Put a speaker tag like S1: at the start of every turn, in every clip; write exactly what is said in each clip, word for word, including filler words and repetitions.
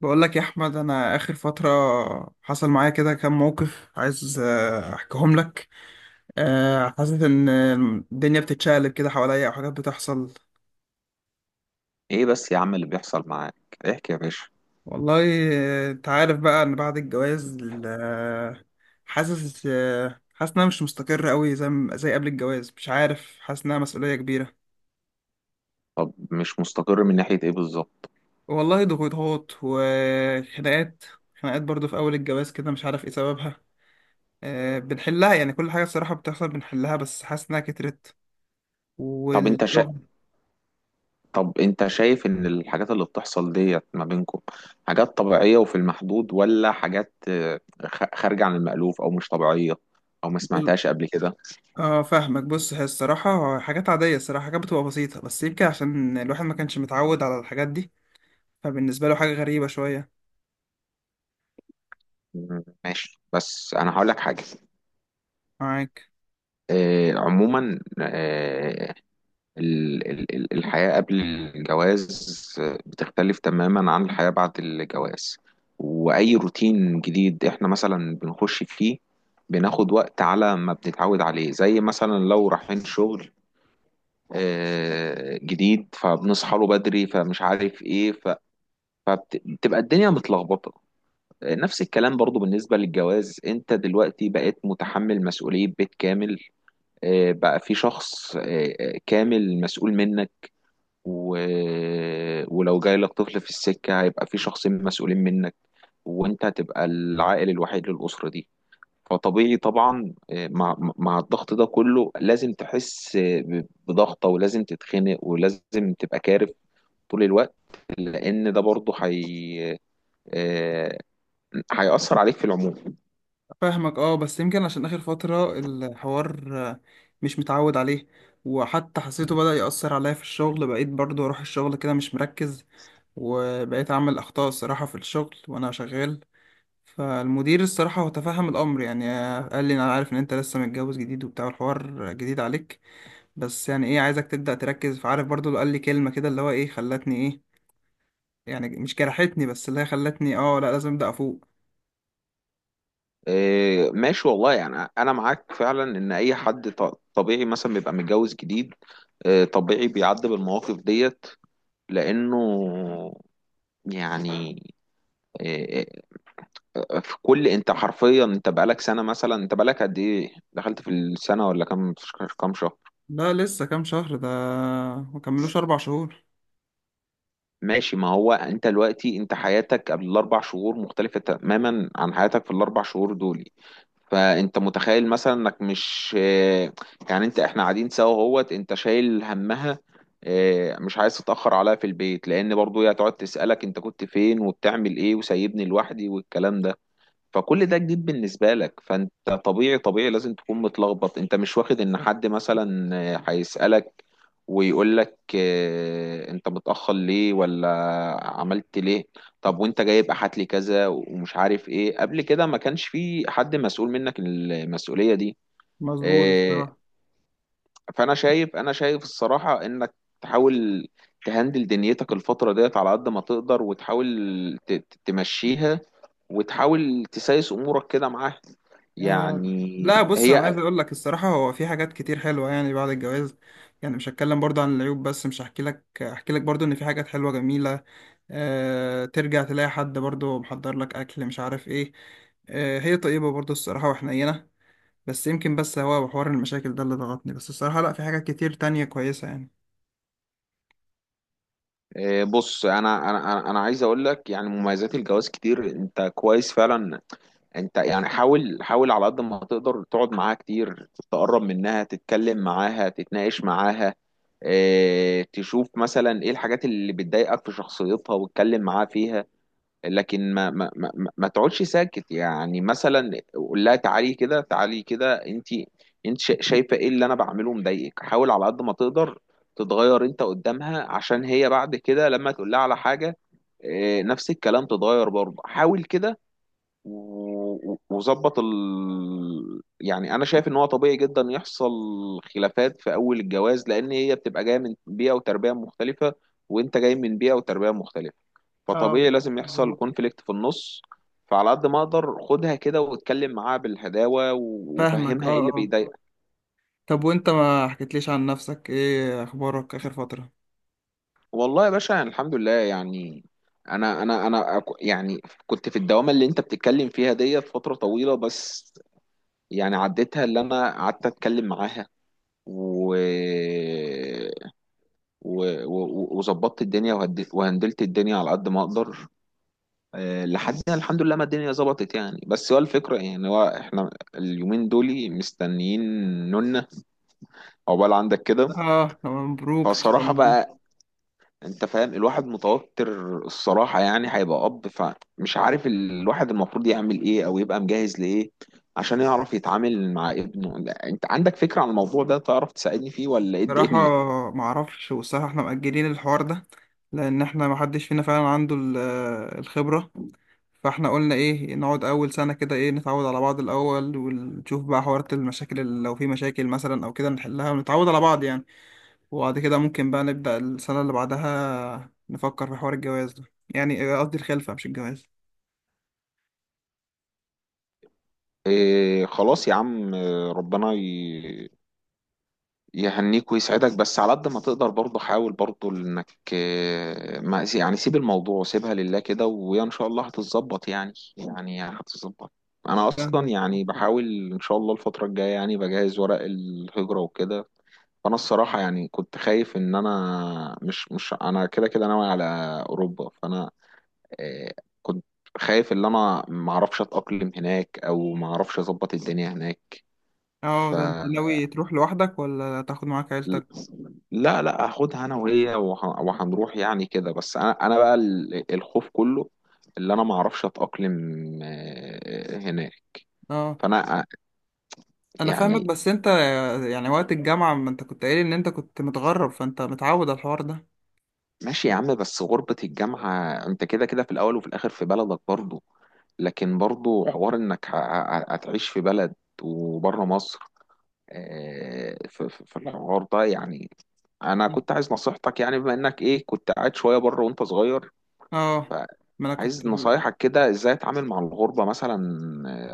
S1: بقول لك يا احمد، انا اخر فتره حصل معايا كده كام موقف عايز آه، احكيهم لك. آه، حاسس ان الدنيا بتتشقلب كده حواليا او حاجات بتحصل.
S2: ايه بس يا عم اللي بيحصل معاك؟ احكي يا باشا.
S1: والله آه، انت عارف بقى ان بعد الجواز، آه، حاسس، آه، حاسس انها مش مستقره قوي زي ما- زي قبل الجواز، مش عارف، حاسس انها مسؤوليه كبيره.
S2: طب مش مستقر من ناحية ايه بالظبط؟
S1: والله ضغوطات وخناقات، خناقات برضو في اول الجواز كده، مش عارف ايه سببها. آه، بنحلها يعني، كل حاجه الصراحه بتحصل بنحلها، بس حاسس انها كترت.
S2: طب انت شا...
S1: والشغل.
S2: طب انت شايف ان الحاجات اللي بتحصل ديت ما بينكم حاجات طبيعية وفي المحدود، ولا حاجات آه، خ- خارجة عن المألوف او مش طبيعية، او ما سمعتهاش قبل كده؟
S1: اه فاهمك. بص، هي الصراحة حاجات عادية، الصراحة حاجات بتبقى بسيطة، بس يمكن عشان الواحد ما كانش متعود على الحاجات دي، فبالنسبة له حاجة غريبة شوية.
S2: مم، ماشي، بس انا هقول لك حاجة.
S1: معاك.
S2: آه، عموما آه، ال- ال- ال- الحياة قبل الجواز بتختلف تماما عن الحياة بعد الجواز. وأي روتين جديد إحنا مثلا بنخش فيه، بناخد وقت على ما بنتعود عليه. زي مثلا لو رايحين شغل آه، جديد، فبنصحى له بدري، فمش عارف إيه، ف- فبتبقى الدنيا متلخبطة. آه، نفس الكلام برضو بالنسبة للجواز. أنت دلوقتي بقيت متحمل مسؤولية بيت كامل، آه، بقى في شخص آه، آه، كامل مسؤول منك. و... ولو جاي لك طفل في السكة، هيبقى في شخصين مسؤولين منك، وانت هتبقى العائل الوحيد للأسرة دي. فطبيعي طبعا آه، مع مع الضغط ده كله لازم تحس آه، ب- بضغطة، ولازم تتخنق، ولازم تبقى كارف طول الوقت. لأن ده برضه حي... آه، هيأثر عليك في العموم.
S1: فاهمك اه. بس يمكن عشان آخر فترة الحوار آه، مش متعود عليه، وحتى حسيته بدأ يأثر عليا في الشغل، بقيت برضو أروح الشغل كده مش مركز، وبقيت أعمل أخطاء الصراحة في الشغل وأنا شغال. فالمدير الصراحة هو تفهم الأمر يعني، آه، قال لي أنا عارف إن أنت لسه متجوز جديد وبتاع الحوار جديد عليك، بس يعني ايه عايزك تبدأ تركز. فعارف برضو اللي قال لي كلمة كده اللي هو ايه خلتني ايه، يعني مش جرحتني، بس اللي هي خلتني اه لا لازم ابدأ افوق.
S2: آه، ماشي، والله يعني أنا معاك فعلا. إن أي حد ط- طبيعي مثلا بيبقى متجوز جديد، آه، طبيعي بيعدي بالمواقف ديت. لانه يعني إيه، إيه، في كل، انت حرفيا انت بقالك سنه مثلا؟ انت بقالك قد ايه؟ دخلت في السنه ولا كام؟ كام شهر؟
S1: لا لسه كام شهر ده، ما كملوش اربع شهور.
S2: ماشي. ما هو انت دلوقتي، انت حياتك قبل الاربع شهور مختلفه تماما عن حياتك في الاربع شهور دول. فانت متخيل مثلا انك مش إيه، يعني. انت احنا قاعدين سوا اهوت، انت شايل همها، إيه، مش عايز تتاخر عليها في البيت، لان برضو هي هتقعد تسالك انت كنت فين وبتعمل ايه وسايبني لوحدي والكلام ده. فكل ده جديد بالنسبة لك. فانت طبيعي طبيعي لازم تكون متلخبط. انت مش واخد ان حد مثلا آه، هيسألك ويقول لك آه، انت متأخر ليه، ولا عملت ليه. طب وانت جايب؟ هات لي كذا ومش عارف ايه. قبل كده ما كانش في حد مسؤول منك المسؤولية دي.
S1: مظبوط
S2: آه،
S1: الصراحة.
S2: فانا شايف، انا شايف الصراحه، انك تحاول تهندل دنيتك الفتره ديت على قد ما تقدر، وتحاول ت- ت- تمشيها، وتحاول تسايس امورك كده معاها.
S1: آه
S2: يعني
S1: لا بص، انا عايز
S2: هي.
S1: اقول لك الصراحة هو في حاجات كتير حلوة يعني بعد الجواز، يعني مش هتكلم برضو عن العيوب بس، مش هحكي لك، احكي لك برضو ان في حاجات حلوة جميلة. آه ترجع تلاقي حد برضو محضر لك اكل، مش عارف ايه. آه هي طيبة برضو الصراحة وحنينة. بس يمكن، بس هو حوار المشاكل ده اللي ضغطني، بس الصراحة لا، في حاجات كتير تانية كويسة يعني.
S2: آه، بص، انا انا انا أنا عايز اقول لك يعني مميزات الجواز كتير. انت كويس فعلا. انت يعني حاول، حاول على قد ما تقدر تقعد معاها كتير، تقرب منها، تتكلم معاها، تتناقش معاها. آه، تشوف مثلا ايه الحاجات اللي بتضايقك في شخصيتها، واتكلم معاها فيها. لكن ما ما ما, ما ما تقعدش ساكت. يعني مثلا قول لها تعالي كده، تعالي كده، انت انت شا- شايفه ايه اللي انا بعمله مضايقك؟ حاول على قد ما تقدر تتغير انت قدامها، عشان هي بعد كده لما تقول لها على حاجه، اه، نفس الكلام، تتغير برضه. حاول كده. و- و- وظبط ال... يعني انا شايف ان هو طبيعي جدا يحصل خلافات في اول الجواز، لان هي بتبقى جايه من بيئه وتربيه مختلفه، وانت جاي من بيئه وتربيه مختلفه.
S1: اه
S2: فطبيعي لازم يحصل
S1: مظبوط.
S2: كونفليكت في النص. فعلى قد ما اقدر خدها كده واتكلم معاها بالهداوه، و-
S1: فاهمك اه
S2: وفهمها ايه اللي
S1: اه.
S2: بيضايقها.
S1: طب وانت ما حكيتليش عن نفسك، ايه اخبارك اخر فترة؟
S2: والله يا باشا، يعني الحمد لله يعني. انا انا انا أك- يعني كنت في الدوامه اللي انت بتتكلم فيها ديت فتره طويله، بس يعني عديتها. اللي انا قعدت اتكلم معاها، و و- و- وظبطت الدنيا، وهد- وهندلت الدنيا على قد ما اقدر. آه، لحدنا الحمد لله ما الدنيا ظبطت يعني. بس هو الفكرة يعني، هو احنا اليومين دول مستنيين نونا. عقبال عندك كده.
S1: اه مبروك ان شاء
S2: فصراحة
S1: الله.
S2: بقى، انت فاهم، الواحد متوتر الصراحة. يعني هيبقى أب، فمش عارف الواحد المفروض يعمل ايه، أو يبقى مجهز لإيه عشان يعرف يتعامل مع ابنه. لا، انت عندك فكرة عن الموضوع ده؟ تعرف تساعدني فيه، ولا ايه
S1: بصراحة
S2: الدنيا؟
S1: ما اعرفش، والصراحة احنا مأجلين الحوار ده، لان احنا ما حدش فينا فعلا عنده ال- الخبرة. فاحنا قلنا ايه، نقعد اول سنة كده، ايه، نتعود على بعض الاول، ونشوف بقى حوارات المشاكل، اللي لو في مشاكل مثلا او كده نحلها، ونتعود على بعض يعني. وبعد كده ممكن بقى نبدأ السنة اللي بعدها نفكر في حوار الجواز ده، يعني قصدي الخلفة مش الجواز.
S2: إيه خلاص يا عم، آه، ربنا يهنيك ويسعدك. بس على قد ما تقدر برضه، حاول برضه انك آه، ما، يعني، سيب الموضوع، سيبها لله كده، ويا ان شاء الله هتتظبط يعني، يعني هتتظبط. انا اصلا
S1: فاهمك
S2: يعني بحاول ان شاء الله الفتره الجايه يعني بجهز ورق الهجره وكده. فانا الصراحه يعني كنت خايف ان انا مش مش انا كده كده ناوي على اوروبا. فانا آه، كنت خايف ان انا ما اعرفش اتاقلم هناك، او ما اعرفش اظبط الدنيا هناك.
S1: اه.
S2: ف
S1: ده انت ناوي تروح لوحدك ولا تاخد معاك عيلتك؟
S2: لا، لا، هاخدها انا وهي، وه- وهنروح يعني كده. بس انا انا بقى ال- الخوف كله اللي انا ما اعرفش اتاقلم آه، هناك.
S1: اه
S2: فانا آه،
S1: انا فاهمك،
S2: يعني
S1: بس انت يعني وقت الجامعة ما انت كنت قايل ان انت كنت متغرب، فانت متعود على الحوار ده.
S2: ماشي يا عم، بس غربة الجامعة انت كده كده في الاول وفي الاخر في بلدك برضه. لكن برضه حوار انك ه- ه- هتعيش في بلد وبره مصر، آه، في في- في الحوار ده يعني. انا كنت عايز نصيحتك، يعني بما انك ايه، كنت قاعد شوية بره وانت صغير،
S1: اه ما انا كنت
S2: عايز
S1: ال-
S2: نصايحك كده ازاي اتعامل مع الغربة مثلا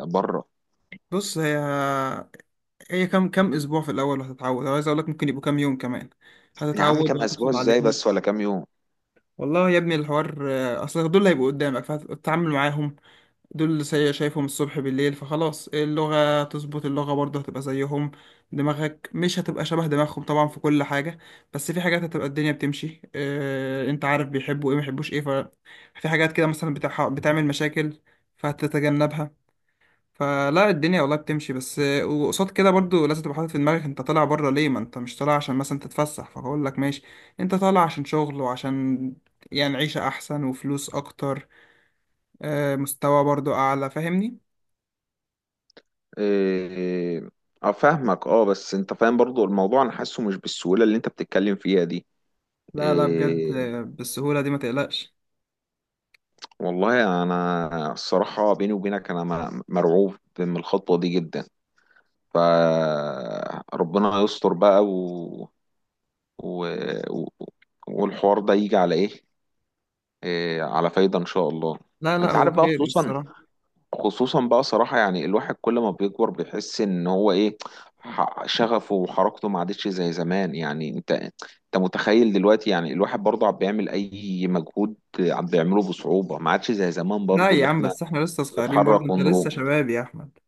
S2: آه، بره.
S1: بص، هي هي كام، كام اسبوع في الاول وهتتعود، أنا عايز اقول لك ممكن يبقوا كام يوم كمان،
S2: يا عم
S1: هتتعود
S2: كام اسبوع
S1: وهتاخد
S2: ازاي
S1: عليهم.
S2: بس؟ ولا كام يوم؟
S1: والله يا ابني الحوار آه، اصل دول اللي هيبقوا قدامك فهتتعامل معاهم، دول اللي سي- شايفهم الصبح بالليل، فخلاص اللغة تظبط، اللغة برضه هتبقى زيهم. دماغك مش هتبقى شبه دماغهم طبعا في كل حاجة، بس في حاجات هتبقى الدنيا بتمشي. اه انت عارف بيحبوا ايه، ما بيحبوش ايه، ففي حاجات كده مثلا بتح... بتعمل مشاكل فهتتجنبها. فلا الدنيا والله بتمشي، بس آه، وقصاد كده برضه لازم تبقى حاطط في دماغك انت طالع بره ليه. ما انت مش طالع عشان مثلا تتفسح فاقول لك ماشي، انت طالع عشان شغل وعشان يعني عيشة احسن وفلوس اكتر، آه، مستوى برضه اعلى، فاهمني.
S2: إيه، اه، فاهمك. اه، بس انت فاهم برضو الموضوع. انا حاسه مش بالسهولة اللي انت بتتكلم فيها دي.
S1: لا لا بجد،
S2: إيه،
S1: بالسهولة دي ما تقلقش.
S2: والله انا الصراحة بيني وبينك انا م- مرعوب من الخطوة دي جدا. فربنا يستر بقى، و... و... و... والحوار ده يجي على ايه. إيه، على فايدة ان شاء الله.
S1: لا لا
S2: انت
S1: هو
S2: عارف بقى،
S1: خير
S2: خصوصا،
S1: الصراحة.
S2: خصوصا بقى صراحة، يعني الواحد كل ما بيكبر بيحس ان هو ايه، ح- شغفه وحركته ما عادتش زي زمان. يعني انت انت متخيل دلوقتي يعني الواحد برضه عم بيعمل اي مجهود عم بيعمله بصعوبة. ما عادش زي زمان
S1: لا
S2: برضه،
S1: يا
S2: اللي
S1: عم،
S2: احنا
S1: بس احنا لسه صغيرين برضه،
S2: نتحرك
S1: انت لسه
S2: ونروح
S1: شباب يا احمد.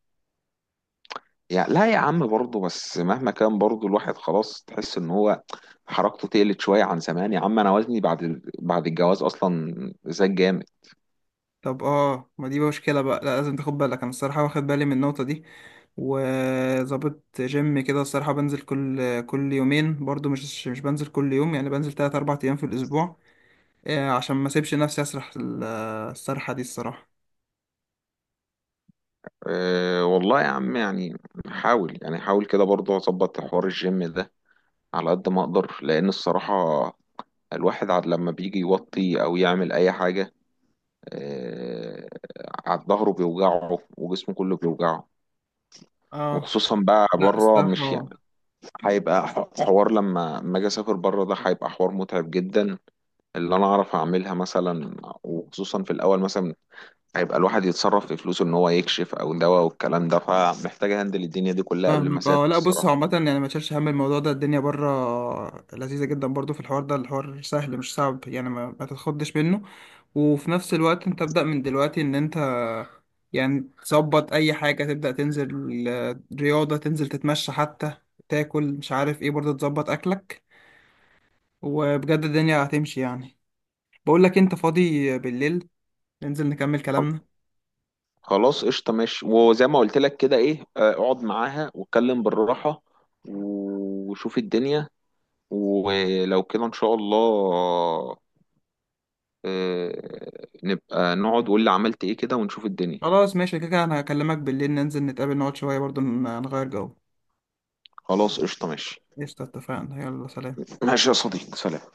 S2: يعني. لا يا عم، برضه بس مهما كان برضه الواحد خلاص تحس ان هو حركته تقلت شوية عن زمان. يا عم انا وزني بعد بعد الجواز اصلا زاد جامد.
S1: طب اه، ما دي مشكلة بقى، لا لازم تاخد بالك، انا الصراحة واخد بالي من النقطة دي، وظابط جيم كده الصراحة، بنزل كل كل يومين برضه، مش مش بنزل كل يوم، يعني بنزل تلات اربع ايام في الاسبوع، آه، عشان ما اسيبش نفسي اسرح ال- السرحة دي الصراحة.
S2: أه والله يا عم يعني حاول، يعني حاول كده برضه اظبط حوار الجيم ده على قد ما اقدر. لان الصراحة الواحد عاد لما بيجي يوطي او يعمل اي حاجة، آه، عاد ظهره بيوجعه وجسمه كله بيوجعه.
S1: اه
S2: وخصوصا بقى
S1: لا
S2: بره، مش يعني،
S1: الصراحة.
S2: هيبقى ح- حوار لما لما اجي اسافر بره. ده هيبقى حوار متعب جدا اللي انا اعرف اعملها مثلا. وخصوصا في الاول مثلا هيبقى الواحد يتصرف في فلوسه ان هو يكشف او دواء والكلام ده. فمحتاج اهندل الدنيا دي كلها قبل ما
S1: فاهمك
S2: اسافر
S1: اه. لا بص هو
S2: الصراحة.
S1: عامة يعني، ما تشيلش هم الموضوع ده، الدنيا بره لذيذة جدا برضو، في الحوار ده الحوار سهل مش صعب يعني، ما, ما تتخضش منه. وفي نفس الوقت انت ابدأ من دلوقتي ان انت يعني تظبط اي حاجة، تبدأ تنزل آه، رياضة، تنزل تتمشى حتى، تاكل مش عارف ايه، برضو تظبط اكلك، وبجد الدنيا هتمشي يعني. بقول لك انت فاضي بالليل؟ ننزل نكمل كلامنا.
S2: خلاص قشطة، ماشي. وزي ما قلت لك كده، ايه، آه، اقعد معاها واتكلم بالراحة وشوف الدنيا. ولو كده ان شاء الله آه، نبقى نقعد، وقول لي عملت ايه كده، ونشوف الدنيا.
S1: خلاص ماشي، كده كده انا هكلمك بالليل، ننزل نتقابل نقعد شوية برضو ن- نغير جو.
S2: خلاص قشطة ماشي.
S1: قشطة، اتفقنا، يلا سلام.
S2: ماشي يا صديقي، سلام.